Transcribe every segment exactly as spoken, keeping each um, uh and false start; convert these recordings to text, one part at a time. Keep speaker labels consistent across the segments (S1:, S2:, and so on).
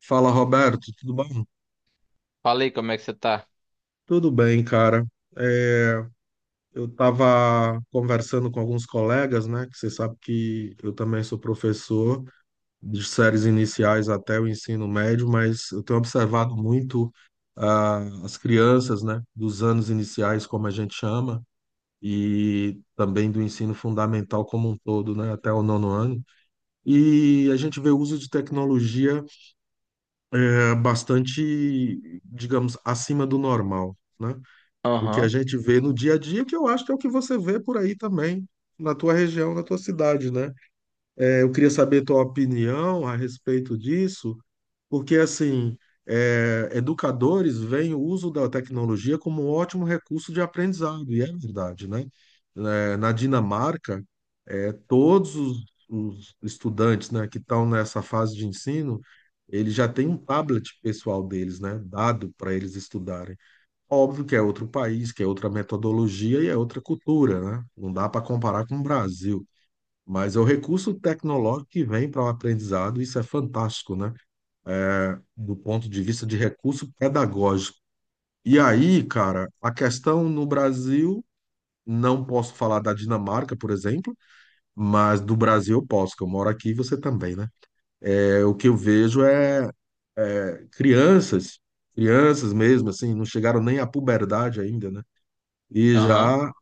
S1: Fala, Roberto, tudo bom?
S2: Falei, como é que você tá?
S1: Tudo bem, cara. É, eu estava conversando com alguns colegas, né? Que você sabe que eu também sou professor de séries iniciais até o ensino médio, mas eu tenho observado muito ah, as crianças, né? Dos anos iniciais, como a gente chama, e também do ensino fundamental como um todo, né? Até o nono ano. E a gente vê o uso de tecnologia é, bastante, digamos, acima do normal, né? O que a
S2: Aham,
S1: gente vê no dia a dia, que eu acho que é o que você vê por aí também, na tua região, na tua cidade, né? É, eu queria saber tua opinião a respeito disso, porque, assim, é, educadores veem o uso da tecnologia como um ótimo recurso de aprendizado, e é verdade, né? É, na Dinamarca, é, todos os, os estudantes, né, que estão nessa fase de ensino, eles já têm um tablet pessoal deles, né, dado para eles estudarem. Óbvio que é outro país, que é outra metodologia e é outra cultura, né? Não dá para comparar com o Brasil. Mas é o recurso tecnológico que vem para o aprendizado, isso é fantástico, né? Do ponto de vista de recurso pedagógico. E aí, cara, a questão no Brasil, não posso falar da Dinamarca, por exemplo, mas do Brasil eu posso, que eu moro aqui e você também, né? É, o que eu vejo é é, crianças, crianças mesmo, assim, não chegaram nem à puberdade ainda, né? E
S2: aham.
S1: já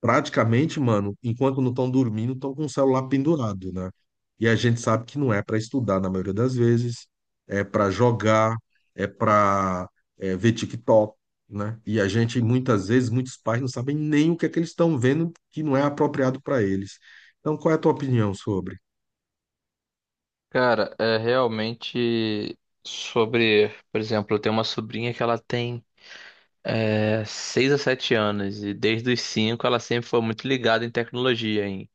S1: praticamente, mano, enquanto não estão dormindo, estão com o celular pendurado, né? E a gente sabe que não é para estudar na maioria das vezes, é para jogar, é para ver TikTok, né? E a gente, muitas vezes, muitos pais não sabem nem o que é que eles estão vendo que não é apropriado para eles. Então, qual é a tua opinião sobre?
S2: Cara, é realmente sobre, por exemplo, eu tenho uma sobrinha que ela tem é, seis a sete anos, e desde os cinco ela sempre foi muito ligada em tecnologia, em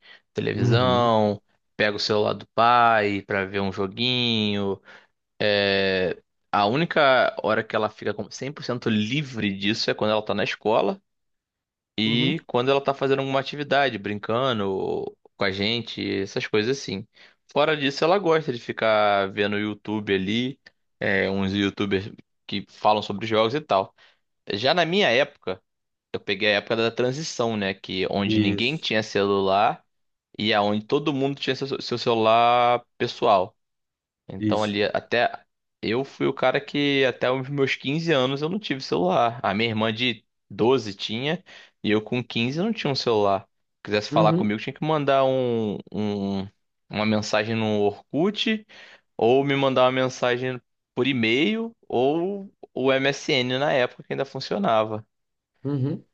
S1: Uhum,
S2: televisão, pega o celular do pai pra ver um joguinho. É, a única hora que ela fica com- cem por cento livre disso é quando ela tá na escola.
S1: uhum,
S2: E quando ela tá fazendo alguma atividade, brincando com a gente, essas coisas assim. Fora disso, ela gosta de ficar vendo YouTube ali, é, uns YouTubers que falam sobre jogos e tal. Já na minha época, eu peguei a época da transição, né? Que onde ninguém
S1: isso,
S2: tinha celular e aonde todo mundo tinha seu, seu celular pessoal. Então
S1: isso.
S2: ali até eu fui o cara que, até os meus quinze anos, eu não tive celular. A minha irmã de doze tinha e eu com quinze não tinha um celular. Se quisesse falar
S1: Uhum,
S2: comigo, tinha que mandar um, um- uma mensagem no Orkut, ou me mandar uma mensagem por e-mail, ou o M S N na época que ainda funcionava.
S1: uhum.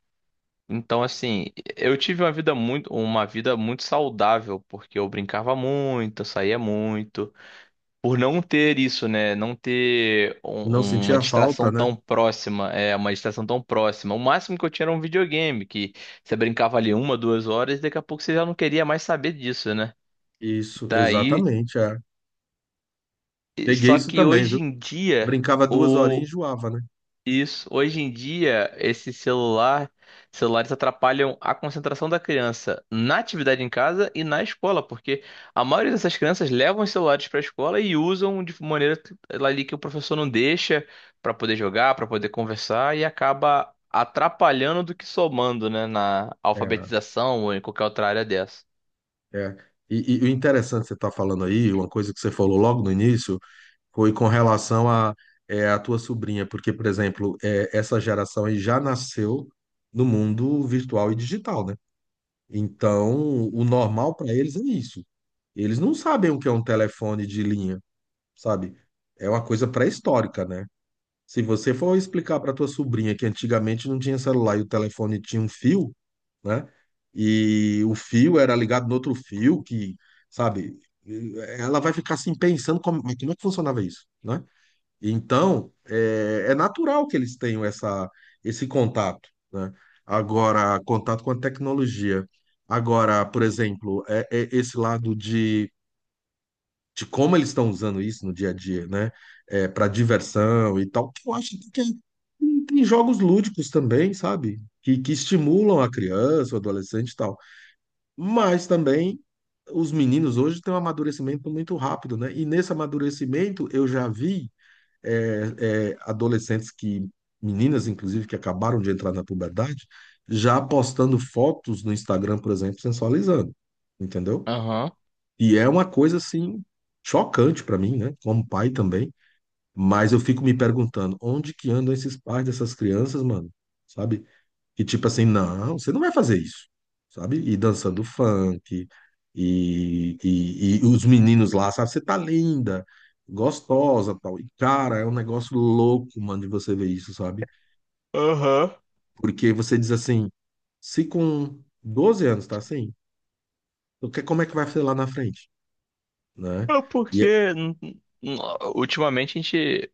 S2: Então assim, eu tive uma vida muito uma vida muito saudável, porque eu brincava muito, eu saía muito. Por não ter isso, né? Não ter
S1: Não
S2: um- uma
S1: sentia
S2: distração
S1: falta, né?
S2: tão próxima, é, uma distração tão próxima. O máximo que eu tinha era um videogame, que você brincava ali uma, duas horas, e daqui a pouco você já não queria mais saber disso, né?
S1: Isso,
S2: Daí,
S1: exatamente, é. Peguei
S2: só
S1: isso
S2: que
S1: também,
S2: hoje
S1: viu?
S2: em dia...
S1: Brincava duas horinhas e enjoava, né?
S2: Isso. Hoje em dia, esse celular, celulares atrapalham a concentração da criança na atividade em casa e na escola, porque a maioria dessas crianças levam os celulares para a escola e usam de maneira que- ali que o professor não deixa, para poder jogar, para poder conversar, e acaba atrapalhando do que somando, né, na
S1: É,
S2: alfabetização ou em qualquer outra área dessa.
S1: é. E, e o interessante que você está falando aí, uma coisa que você falou logo no início, foi com relação a, é, a tua sobrinha, porque, por exemplo, é, essa geração aí já nasceu no mundo virtual e digital, né? Então, o normal para eles é isso. Eles não sabem o que é um telefone de linha, sabe? É uma coisa pré-histórica, né? Se você for explicar para tua sobrinha que antigamente não tinha celular e o telefone tinha um fio, né? E o fio era ligado no outro fio, que, sabe, ela vai ficar assim pensando como, mas como é que funcionava isso, né? Então, é, é natural que eles tenham essa, esse contato, né? Agora, contato com a tecnologia. Agora, por exemplo, é, é esse lado de de como eles estão usando isso no dia a dia, né? É, para diversão e tal. Que Eu acho que tem, tem jogos lúdicos também, sabe? Que, que estimulam a criança, o adolescente e tal. Mas também os meninos hoje têm um amadurecimento muito rápido, né? E nesse amadurecimento eu já vi é, é, adolescentes que, meninas inclusive, que acabaram de entrar na puberdade, já postando fotos no Instagram, por exemplo, sensualizando, entendeu?
S2: Aham.
S1: E é uma coisa assim chocante para mim, né? Como pai também. Mas eu fico me perguntando, onde que andam esses pais dessas crianças, mano? Sabe? E tipo assim, não, você não vai fazer isso, sabe? E dançando funk, e, e, e os meninos lá, sabe? Você tá linda, gostosa, tal. E cara, é um negócio louco, mano, de você ver isso, sabe?
S2: Aham.
S1: Porque você diz assim, se com doze anos tá assim, o que- como é que vai ser lá na frente, né?
S2: É
S1: E
S2: porque
S1: é-
S2: n- n- ultimamente a gente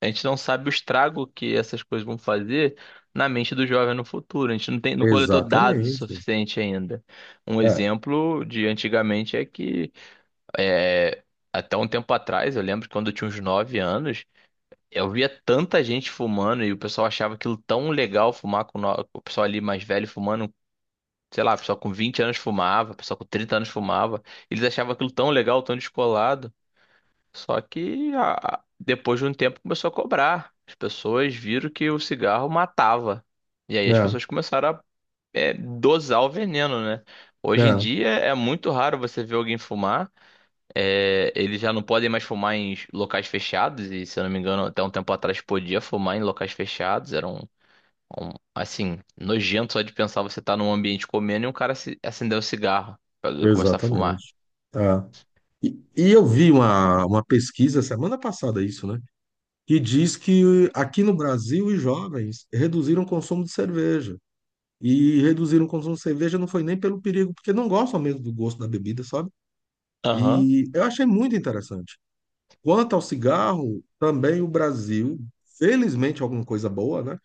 S2: a gente não sabe o estrago que essas coisas vão fazer na mente do jovem no futuro. A gente não tem, não coletou dados o
S1: exatamente.
S2: suficiente ainda. Um
S1: É,
S2: exemplo de antigamente é que é, até um tempo atrás, eu lembro que quando eu tinha uns nove anos, eu via tanta gente fumando e o pessoal achava aquilo tão legal, fumar com no- o pessoal ali mais velho fumando. Sei lá, o pessoal com vinte anos fumava, o pessoal com trinta anos fumava. Eles achavam aquilo tão legal, tão descolado. Só que a- depois de um tempo começou a cobrar. As pessoas viram que o cigarro matava. E aí as
S1: é,
S2: pessoas começaram a é, dosar o veneno, né? Hoje em
S1: é,
S2: dia é muito raro você ver alguém fumar. É, eles já não podem mais fumar em locais fechados. E se eu não me engano, até um tempo atrás podia fumar em locais fechados. Era um, um, assim, nojento só de pensar, você tá num ambiente comendo e um cara se, acender o cigarro pra começar a fumar.
S1: exatamente. É. E, e eu vi uma, uma pesquisa semana passada, isso, né? Que diz que aqui no Brasil os jovens reduziram o consumo de cerveja. E reduziram o consumo de cerveja não foi nem pelo perigo, porque não gostam mesmo do gosto da bebida, sabe?
S2: Aham,
S1: E eu achei muito interessante. Quanto ao cigarro, também o Brasil, felizmente alguma coisa boa, né?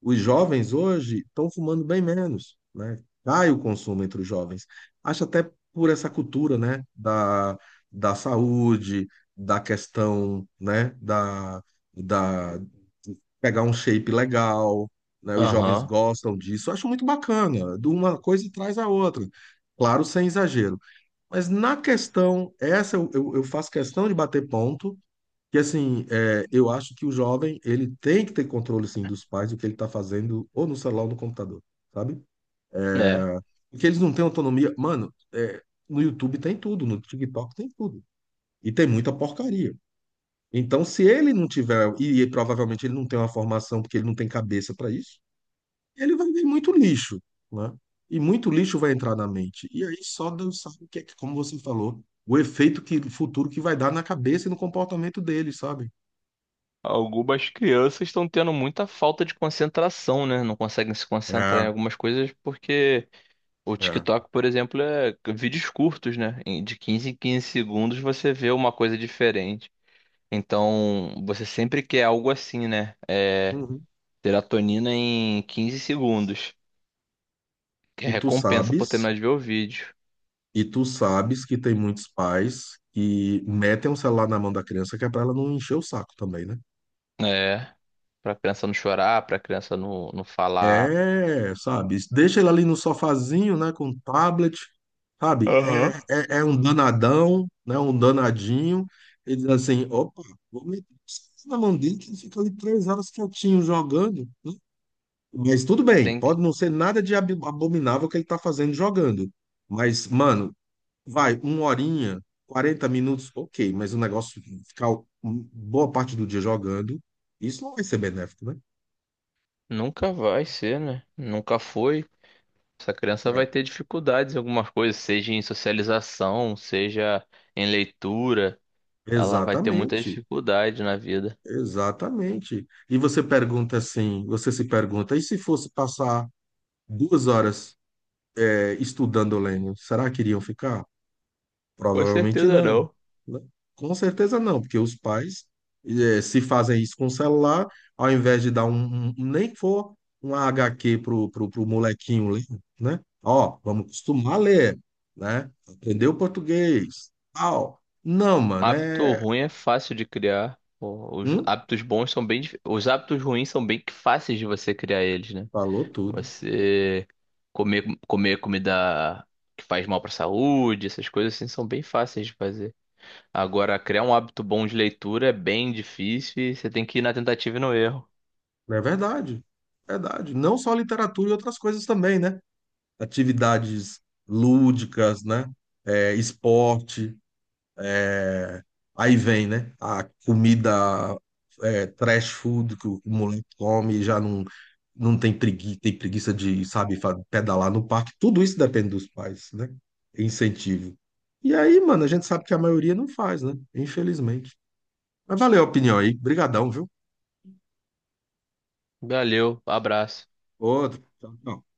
S1: Os jovens hoje estão fumando bem menos, né? Cai o consumo entre os jovens. Acho até por essa cultura, né? Da, da saúde, da questão, né? Da, da de pegar um shape legal, né? Os jovens
S2: aham.
S1: gostam disso. Acho muito bacana. De uma coisa traz a outra. Claro, sem exagero. Mas na questão, essa eu, eu eu faço questão de bater ponto que assim, é, eu acho que o jovem, ele tem que ter controle, sim, dos pais do que ele tá fazendo ou no celular ou no computador, sabe?
S2: Né?
S1: Porque eles não têm autonomia. Mano, é, no YouTube tem tudo, no TikTok tem tudo. E tem muita porcaria. Então, se ele não tiver, e, provavelmente ele não tem uma formação porque ele não tem cabeça para isso, ele vai ver muito lixo, né? E muito lixo vai entrar na mente. E aí só Deus sabe o que é que, como você falou, o efeito que, futuro que vai dar na cabeça e no comportamento dele, sabe?
S2: Algumas crianças estão tendo muita falta de concentração, né? Não conseguem se concentrar em
S1: É,
S2: algumas coisas porque o
S1: é.
S2: TikTok, por exemplo, é vídeos curtos, né? Em- De quinze em quinze segundos você vê uma coisa diferente. Então, você sempre quer algo assim, né? É,
S1: Uhum.
S2: serotonina em quinze segundos, que é
S1: E tu
S2: recompensa por
S1: sabes,
S2: terminar de ver o vídeo.
S1: e tu sabes que tem muitos pais que metem o celular na mão da criança que é para ela não encher o saco também, né?
S2: É, pra criança não chorar, pra criança não, não falar.
S1: É, sabe? Deixa ele ali no sofazinho, né, com o tablet, sabe?
S2: Aham.
S1: É, é, é um danadão, né, um danadinho. E diz assim, opa, vou meter isso na mão dele que ele fica ali três horas quietinho jogando, né? Mas tudo bem,
S2: Tem que...
S1: pode não ser nada de ab- abominável que ele tá fazendo jogando. Mas, mano, vai, uma horinha, quarenta minutos, ok, mas o negócio ficar um- boa parte do dia jogando, isso não vai ser benéfico, né?
S2: Nunca vai ser, né? Nunca foi. Essa criança
S1: É.
S2: vai ter dificuldades em algumas coisas, seja em socialização, seja em leitura. Ela vai ter muita
S1: Exatamente,
S2: dificuldade na vida.
S1: exatamente. E você pergunta assim, você se pergunta, e se fosse passar duas horas, é, estudando o Lênin, será que iriam ficar?
S2: Com
S1: Provavelmente
S2: certeza
S1: não,
S2: não.
S1: né? Com certeza não, porque os pais eh, se fazem isso com o celular, ao invés de dar um, um- um, nem que for um H Q pro, pro, pro molequinho ler, né? Ó, vamos acostumar a ler, né? Aprender o português. Au. Não, mano,
S2: Hábito
S1: é.
S2: ruim é fácil de criar. O- Os
S1: Hum?
S2: hábitos bons são bem, dif- os hábitos ruins são bem que fáceis de você criar eles, né?
S1: Falou tudo.
S2: Você comer, comer comida que faz mal para a saúde, essas coisas assim são bem fáceis de fazer. Agora, criar um hábito bom de leitura é bem difícil, e você tem que ir na tentativa e no erro.
S1: É verdade. Verdade. Não só literatura e outras coisas também, né? Atividades lúdicas, né? Eh, esporte. É, aí vem, né? A comida é trash food que o moleque come, já não, não tem preguiça, tem preguiça de, sabe, fa- pedalar no parque. Tudo isso depende dos pais, né? É incentivo. E aí, mano, a gente sabe que a maioria não faz, né? Infelizmente. Mas valeu a opinião aí. Brigadão, viu?
S2: Valeu, abraço.
S1: Outro. Tchau, tchau.